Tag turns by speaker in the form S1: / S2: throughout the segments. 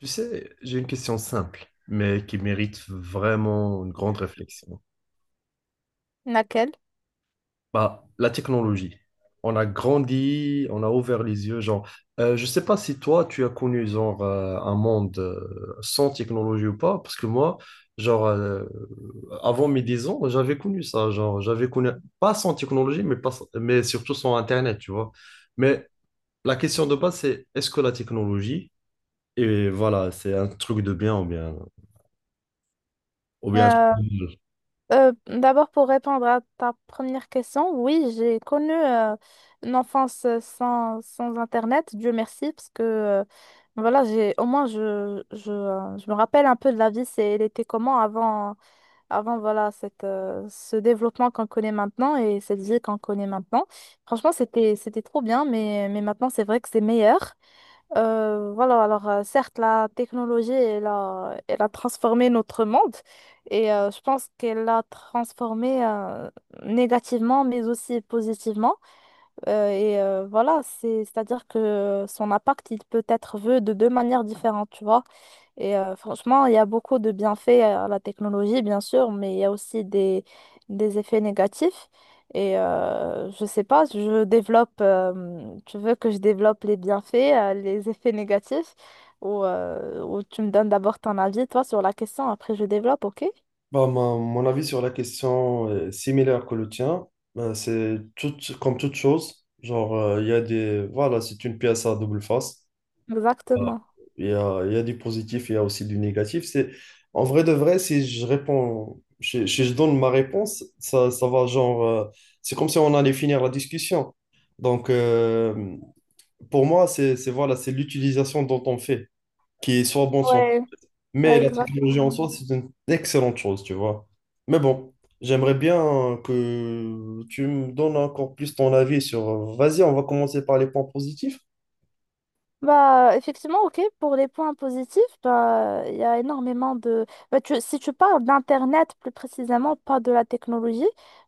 S1: Tu sais, j'ai une question simple, mais qui mérite vraiment une grande réflexion.
S2: Laquelle?
S1: Bah, la technologie. On a grandi, on a ouvert les yeux, genre, je sais pas si toi, tu as connu, genre, un monde sans technologie ou pas, parce que moi, genre, avant mes 10 ans, j'avais connu ça, genre, j'avais connu, pas sans technologie, mais, pas, mais surtout sans Internet, tu vois. Mais la question de base, c'est, est-ce que la technologie, et voilà, c'est un truc de bien ou bien, ou bien un truc
S2: Euh,
S1: de mal.
S2: D'abord, pour répondre à ta première question, oui, j'ai connu une enfance sans Internet, Dieu merci, parce que voilà, j'ai au moins je me rappelle un peu de la vie, c'est, elle était comment avant, avant voilà, ce développement qu'on connaît maintenant et cette vie qu'on connaît maintenant. Franchement, c'était trop bien, mais maintenant, c'est vrai que c'est meilleur. Certes, la technologie, elle a transformé notre monde et je pense qu'elle l'a transformé négativement mais aussi positivement. C'est-à-dire que son impact, il peut être vu de deux manières différentes, tu vois. Franchement, il y a beaucoup de bienfaits à la technologie, bien sûr, mais il y a aussi des effets négatifs. Je sais pas, je développe, tu veux que je développe les bienfaits, les effets négatifs, ou tu me donnes d'abord ton avis, toi, sur la question, après je développe, ok?
S1: Bah, mon avis sur la question est similaire que le tien. C'est tout, comme toute chose. Genre, il y a des. Voilà, c'est une pièce à double face. Euh,
S2: Exactement.
S1: il y a du positif, il y a aussi du négatif. C'est, en vrai de vrai, si je réponds, si je donne ma réponse, ça va genre, c'est comme si on allait finir la discussion. Donc, pour moi, c'est, voilà, c'est l'utilisation dont on fait, qui est soit bon, soit
S2: Ouais,
S1: mais
S2: ouais,
S1: la technologie en
S2: exactement.
S1: soi, c'est une excellente chose, tu vois. Mais bon, j'aimerais bien que tu me donnes encore plus ton avis sur... Vas-y, on va commencer par les points positifs.
S2: Bah, effectivement, ok, pour les points positifs, bah, il y a énormément de... Bah, si tu parles d'Internet plus précisément, pas de la technologie,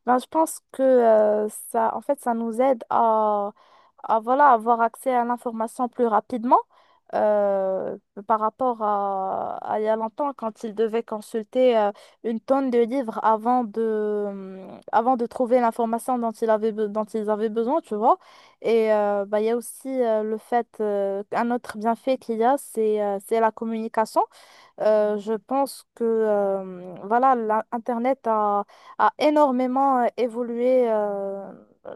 S2: bah, je pense que en fait, ça nous aide à voilà, avoir accès à l'information plus rapidement euh, par rapport à il y a longtemps, quand il devait consulter une tonne de livres avant de trouver l'information dont dont ils avaient besoin, tu vois. Il y a aussi le fait, un autre bienfait qu'il y a, c'est la communication. Je pense que Internet a énormément évolué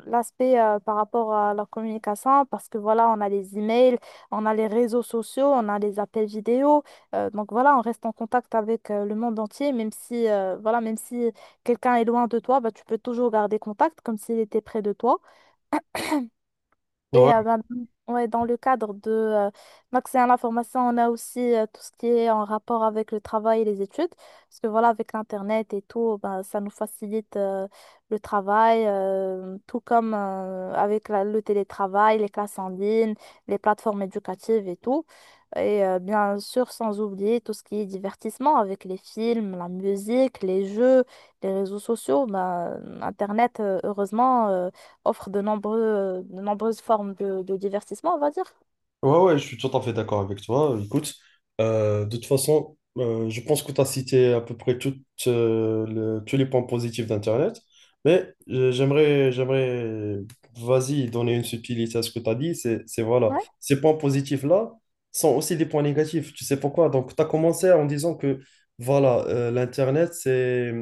S2: l'aspect par rapport à la communication parce que voilà, on a les emails, on a les réseaux sociaux, on a les appels vidéo. Donc voilà, on reste en contact avec le monde entier, même si quelqu'un est loin de toi, bah, tu peux toujours garder contact comme s'il était près de toi.
S1: Ouais.
S2: Et euh, ben, ouais, dans le cadre de l'accès à l'information, on a aussi tout ce qui est en rapport avec le travail et les études. Parce que voilà, avec l'Internet et tout, ben, ça nous facilite le travail, tout comme avec le télétravail, les classes en ligne, les plateformes éducatives et tout. Bien sûr, sans oublier tout ce qui est divertissement avec les films, la musique, les jeux, les réseaux sociaux. Ben, Internet, heureusement, offre de de nombreuses formes de divertissement, on va dire.
S1: Ouais, ouais, je suis tout à fait d'accord avec toi. Écoute, de toute façon, je pense que tu as cité à peu près toutes, tous les points positifs d'Internet, mais j'aimerais, vas-y, donner une subtilité à ce que tu as dit. C'est voilà,
S2: Ouais.
S1: ces points positifs-là sont aussi des points négatifs. Tu sais pourquoi? Donc, tu as commencé en disant que, voilà, l'Internet, c'est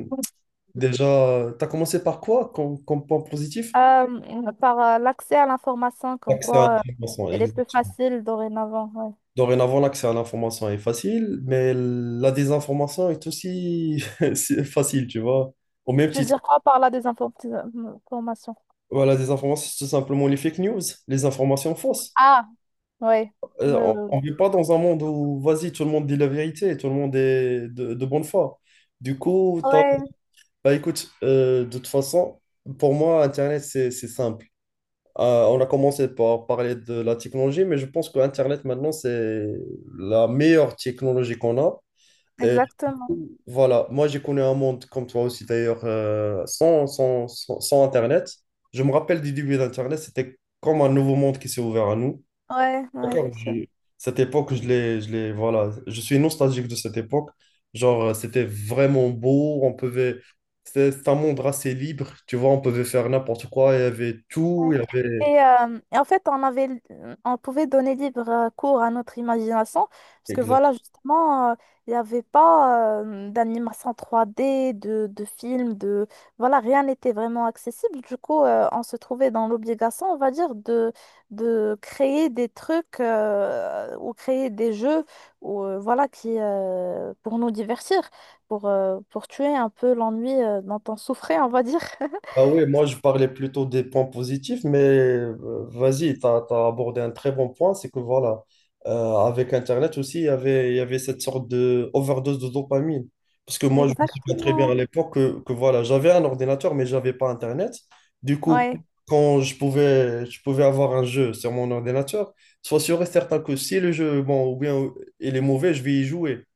S1: déjà. Tu as commencé par quoi comme point positif?
S2: Par l'accès à l'information, comme
S1: L'accès à
S2: quoi
S1: l'information,
S2: elle est plus
S1: exact.
S2: facile dorénavant. Ouais.
S1: Dorénavant, l'accès à l'information est facile, mais la désinformation est aussi c'est facile, tu vois. Au même
S2: Tu veux
S1: titre,
S2: dire quoi par la désinformation?
S1: voilà, la désinformation, c'est tout simplement les fake news, les informations fausses.
S2: Ah, ouais
S1: Euh,
S2: ouais oui.
S1: on ne vit pas dans un monde où, vas-y, tout le monde dit la vérité, tout le monde est de bonne foi. Du coup,
S2: Ouais,
S1: bah, écoute, de toute façon, pour moi, Internet, c'est simple. On a commencé par parler de la technologie, mais je pense que Internet, maintenant, c'est la meilleure technologie qu'on a.
S2: ouais,
S1: Et
S2: exactement.
S1: voilà, moi j'ai connu un monde comme toi aussi d'ailleurs, sans Internet. Je me rappelle du début d'Internet, c'était comme un nouveau monde qui s'est ouvert à nous.
S2: Ouais, ouais,
S1: D'accord.
S2: effectivement.
S1: Cette époque, voilà, je suis nostalgique de cette époque. Genre, c'était vraiment beau, on pouvait, c'était un monde assez libre, tu vois, on pouvait faire n'importe quoi, il y avait
S2: Ouais.
S1: tout, il y avait...
S2: Et en fait, on avait, on pouvait donner libre cours à notre imagination, parce que voilà, il n'y avait pas d'animation 3D, de films, de... Voilà, rien n'était vraiment accessible. Du coup, on se trouvait dans l'obligation, on va dire, de créer des trucs ou créer des jeux ou pour nous divertir, pour tuer un peu l'ennui dont on souffrait, on va dire.
S1: Ah oui, moi je parlais plutôt des points positifs, mais vas-y, tu as, abordé un très bon point, c'est que voilà, avec Internet aussi, il y avait cette sorte de overdose de dopamine. Parce que moi, je me souviens très bien à
S2: Exactement.
S1: l'époque que, voilà, j'avais un ordinateur, mais j'avais pas Internet. Du coup,
S2: Ouais.
S1: quand je pouvais avoir un jeu sur mon ordinateur, sois sûr et certain que si le jeu, bon, ou bien il est mauvais, je vais y jouer.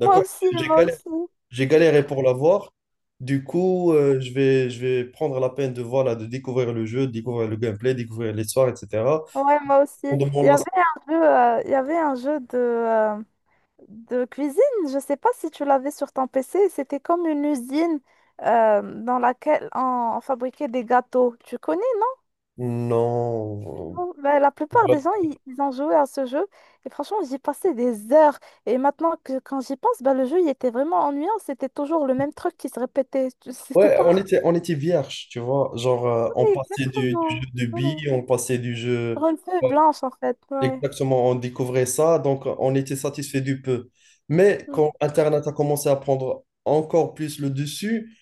S2: Moi aussi,
S1: J'ai
S2: moi
S1: galéré
S2: aussi.
S1: j'ai galéré pour l'avoir. Du coup, je vais prendre la peine de, voilà, de découvrir le jeu, de découvrir le gameplay, découvrir l'histoire, etc.
S2: Ouais, moi aussi.
S1: On
S2: Il y
S1: demande la-.
S2: avait un jeu, il y avait un jeu de cuisine, je sais pas si tu l'avais sur ton PC, c'était comme une usine dans laquelle on fabriquait des gâteaux. Tu connais, non?
S1: Non.
S2: Bon, ben, la plupart des gens, ils ont joué à ce jeu et franchement, j'y passais des heures. Et maintenant que quand j'y pense, ben, le jeu, il était vraiment ennuyant, c'était toujours le même truc qui se répétait. Tu- C'était
S1: Ouais,
S2: pas...
S1: on était vierge, tu vois. Genre, on
S2: Oui,
S1: passait du, jeu
S2: exactement.
S1: de
S2: Ouais.
S1: billes, on passait du jeu.
S2: Sur une feuille
S1: Ouais,
S2: blanche, en fait. Ouais.
S1: exactement, on découvrait ça, donc on était satisfait du peu. Mais quand Internet a commencé à prendre encore plus le dessus,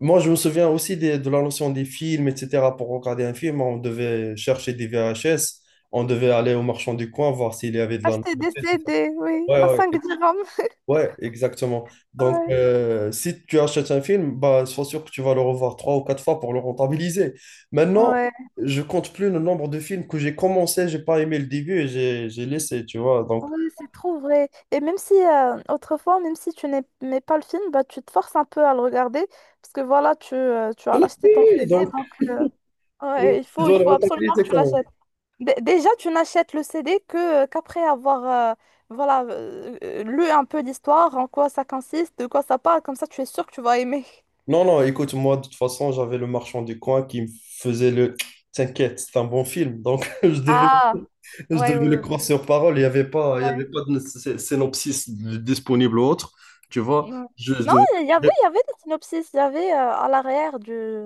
S1: moi, je me souviens aussi de la notion des films, etc. Pour regarder un film, on devait chercher des VHS, on devait aller au marchand du coin voir s'il y avait de la
S2: Acheter des
S1: nouveauté.
S2: CD, oui,
S1: Ouais,
S2: à
S1: ouais,
S2: 5 dirhams.
S1: ouais, exactement. Donc,
S2: Ouais,
S1: si tu achètes un film, bah, sois sûr que tu vas le revoir trois ou quatre fois pour le rentabiliser. Maintenant,
S2: ouais,
S1: je compte plus le nombre de films que j'ai commencé, j'ai pas aimé le début et j'ai laissé, tu vois. Donc,
S2: ouais, c'est trop vrai. Et même si, autrefois, même si tu n'aimais pas le film, bah, tu te forces un peu à le regarder, parce que voilà, tu
S1: je
S2: as
S1: l'ai
S2: acheté ton
S1: fait,
S2: CD,
S1: donc,
S2: ouais,
S1: tu
S2: il
S1: dois le
S2: faut absolument que
S1: rentabiliser
S2: tu
S1: quand.
S2: l'achètes. Dé- déjà, tu n'achètes le CD que qu'après avoir voilà, lu un peu l'histoire, en quoi ça consiste, de quoi ça parle, comme ça tu es sûr que tu vas aimer.
S1: Non, non, écoute, moi, de toute façon, j'avais le marchand du coin qui me faisait le T'inquiète, c'est un bon film. Donc, je devais,
S2: Ah, ouais,
S1: le
S2: ouais,
S1: croire sur parole. Il n'y avait pas, il y
S2: ouais.
S1: avait pas de synopsis disponible ou autre. Tu vois,
S2: Mm.
S1: je
S2: Non,
S1: devais.
S2: il y avait des synopsis, il y avait à l'arrière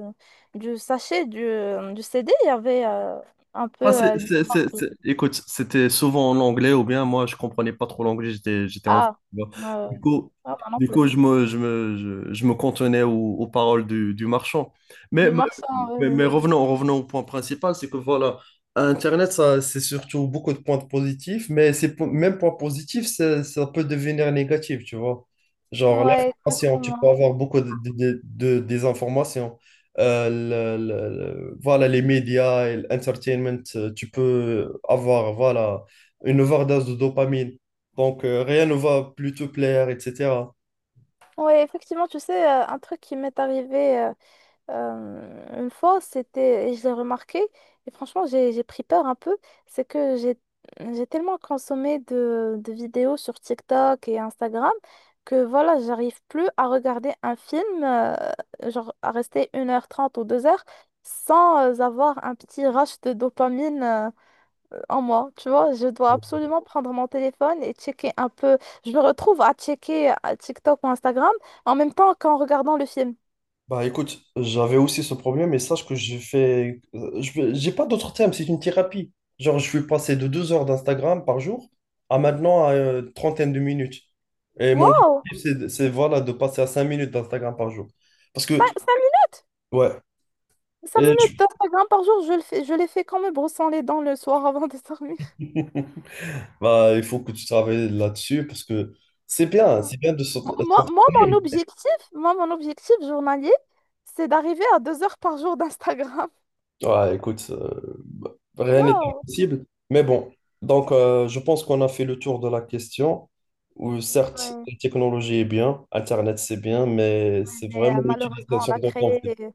S2: du sachet du CD, il y avait un peu
S1: Ah,
S2: l'histoire du...
S1: Écoute, c'était souvent en anglais ou bien moi je comprenais pas trop l'anglais, j'étais enfant.
S2: Ah,
S1: Tu vois.
S2: ouais, ouais.
S1: Du coup,
S2: Ah, moi non
S1: du
S2: plus.
S1: coup je me cantonnais aux, paroles du, marchand. Mais,
S2: Du
S1: mais,
S2: marchand, oui,
S1: mais
S2: oui.
S1: revenons, au point principal, c'est que voilà, Internet, ça, c'est surtout beaucoup de points positifs, mais ces même points positifs, ça peut devenir négatif, tu vois. Genre
S2: Ouais,
S1: l'information, tu peux
S2: exactement.
S1: avoir beaucoup de, des informations euh, le- le- voilà, les médias et l'entertainment, tu peux avoir voilà, une overdose de dopamine. Donc, rien ne va plus te plaire, etc.
S2: Ouais, effectivement, tu sais, un truc qui m'est arrivé une fois, c'était, et je l'ai remarqué, et franchement, j'ai pris peur un peu, c'est que j'ai tellement consommé de vidéos sur TikTok et Instagram que voilà, j'arrive plus à regarder un film, genre à rester 1h30 ou 2 heures sans avoir un petit rush de dopamine en moi. Tu vois, je dois absolument prendre mon téléphone et checker un peu. Je me retrouve à checker TikTok ou Instagram en même temps qu'en regardant le film.
S1: Bah écoute, j'avais aussi ce problème et sache que j'ai fait. J'ai pas d'autre terme, c'est une thérapie. Genre, je suis passé de 2 heures d'Instagram par jour à maintenant à trentaine de minutes. Et mon
S2: Waouh!
S1: objectif, c'est, voilà, de passer à 5 minutes d'Instagram par jour. Parce que,
S2: 5 minutes.
S1: ouais,
S2: Cinq
S1: et
S2: minutes d'Instagram par jour, je les fais quand me brossant les dents le soir avant de dormir.
S1: bah, il faut que tu travailles là-dessus parce que c'est bien de sortir.
S2: Moi, mon objectif, mon objectif journalier, c'est d'arriver à 2 heures par jour d'Instagram.
S1: Ouais, écoute, bah, rien n'est
S2: Wow.
S1: impossible. Mais bon, donc je pense qu'on a fait le tour de la question. Où certes,
S2: Ouais.
S1: la technologie est bien, Internet c'est bien, mais c'est
S2: Mais
S1: vraiment
S2: malheureusement, on
S1: l'utilisation
S2: a
S1: dont on
S2: créé,
S1: fait.
S2: ouais,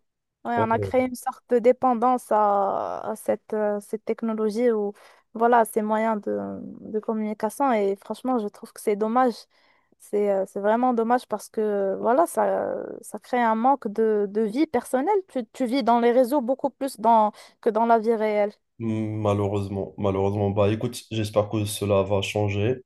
S1: Ouais,
S2: on a
S1: ouais.
S2: créé une sorte de dépendance à cette technologie ou voilà, ces moyens de communication. Et franchement, je trouve que c'est dommage. C'est vraiment dommage parce que voilà, ça crée un manque de vie personnelle. Tu vis dans les réseaux beaucoup plus que dans la vie réelle.
S1: Malheureusement, malheureusement. Bah écoute, j'espère que cela va changer.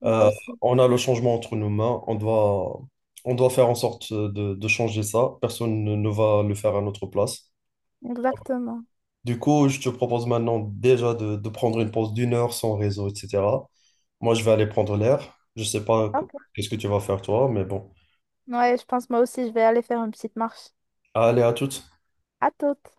S2: Moi
S1: Euh,
S2: aussi.
S1: on a le changement entre nos mains. On doit faire en sorte de changer ça. Personne ne va le faire à notre place.
S2: Exactement.
S1: Du coup, je te propose maintenant déjà de prendre une pause d'1 heure sans réseau, etc. Moi, je vais aller prendre l'air. Je sais pas
S2: Ok.
S1: qu'est-ce que tu vas faire toi, mais bon.
S2: Ouais, je pense moi aussi, je vais aller faire une petite marche.
S1: Allez, à toutes.
S2: À toute.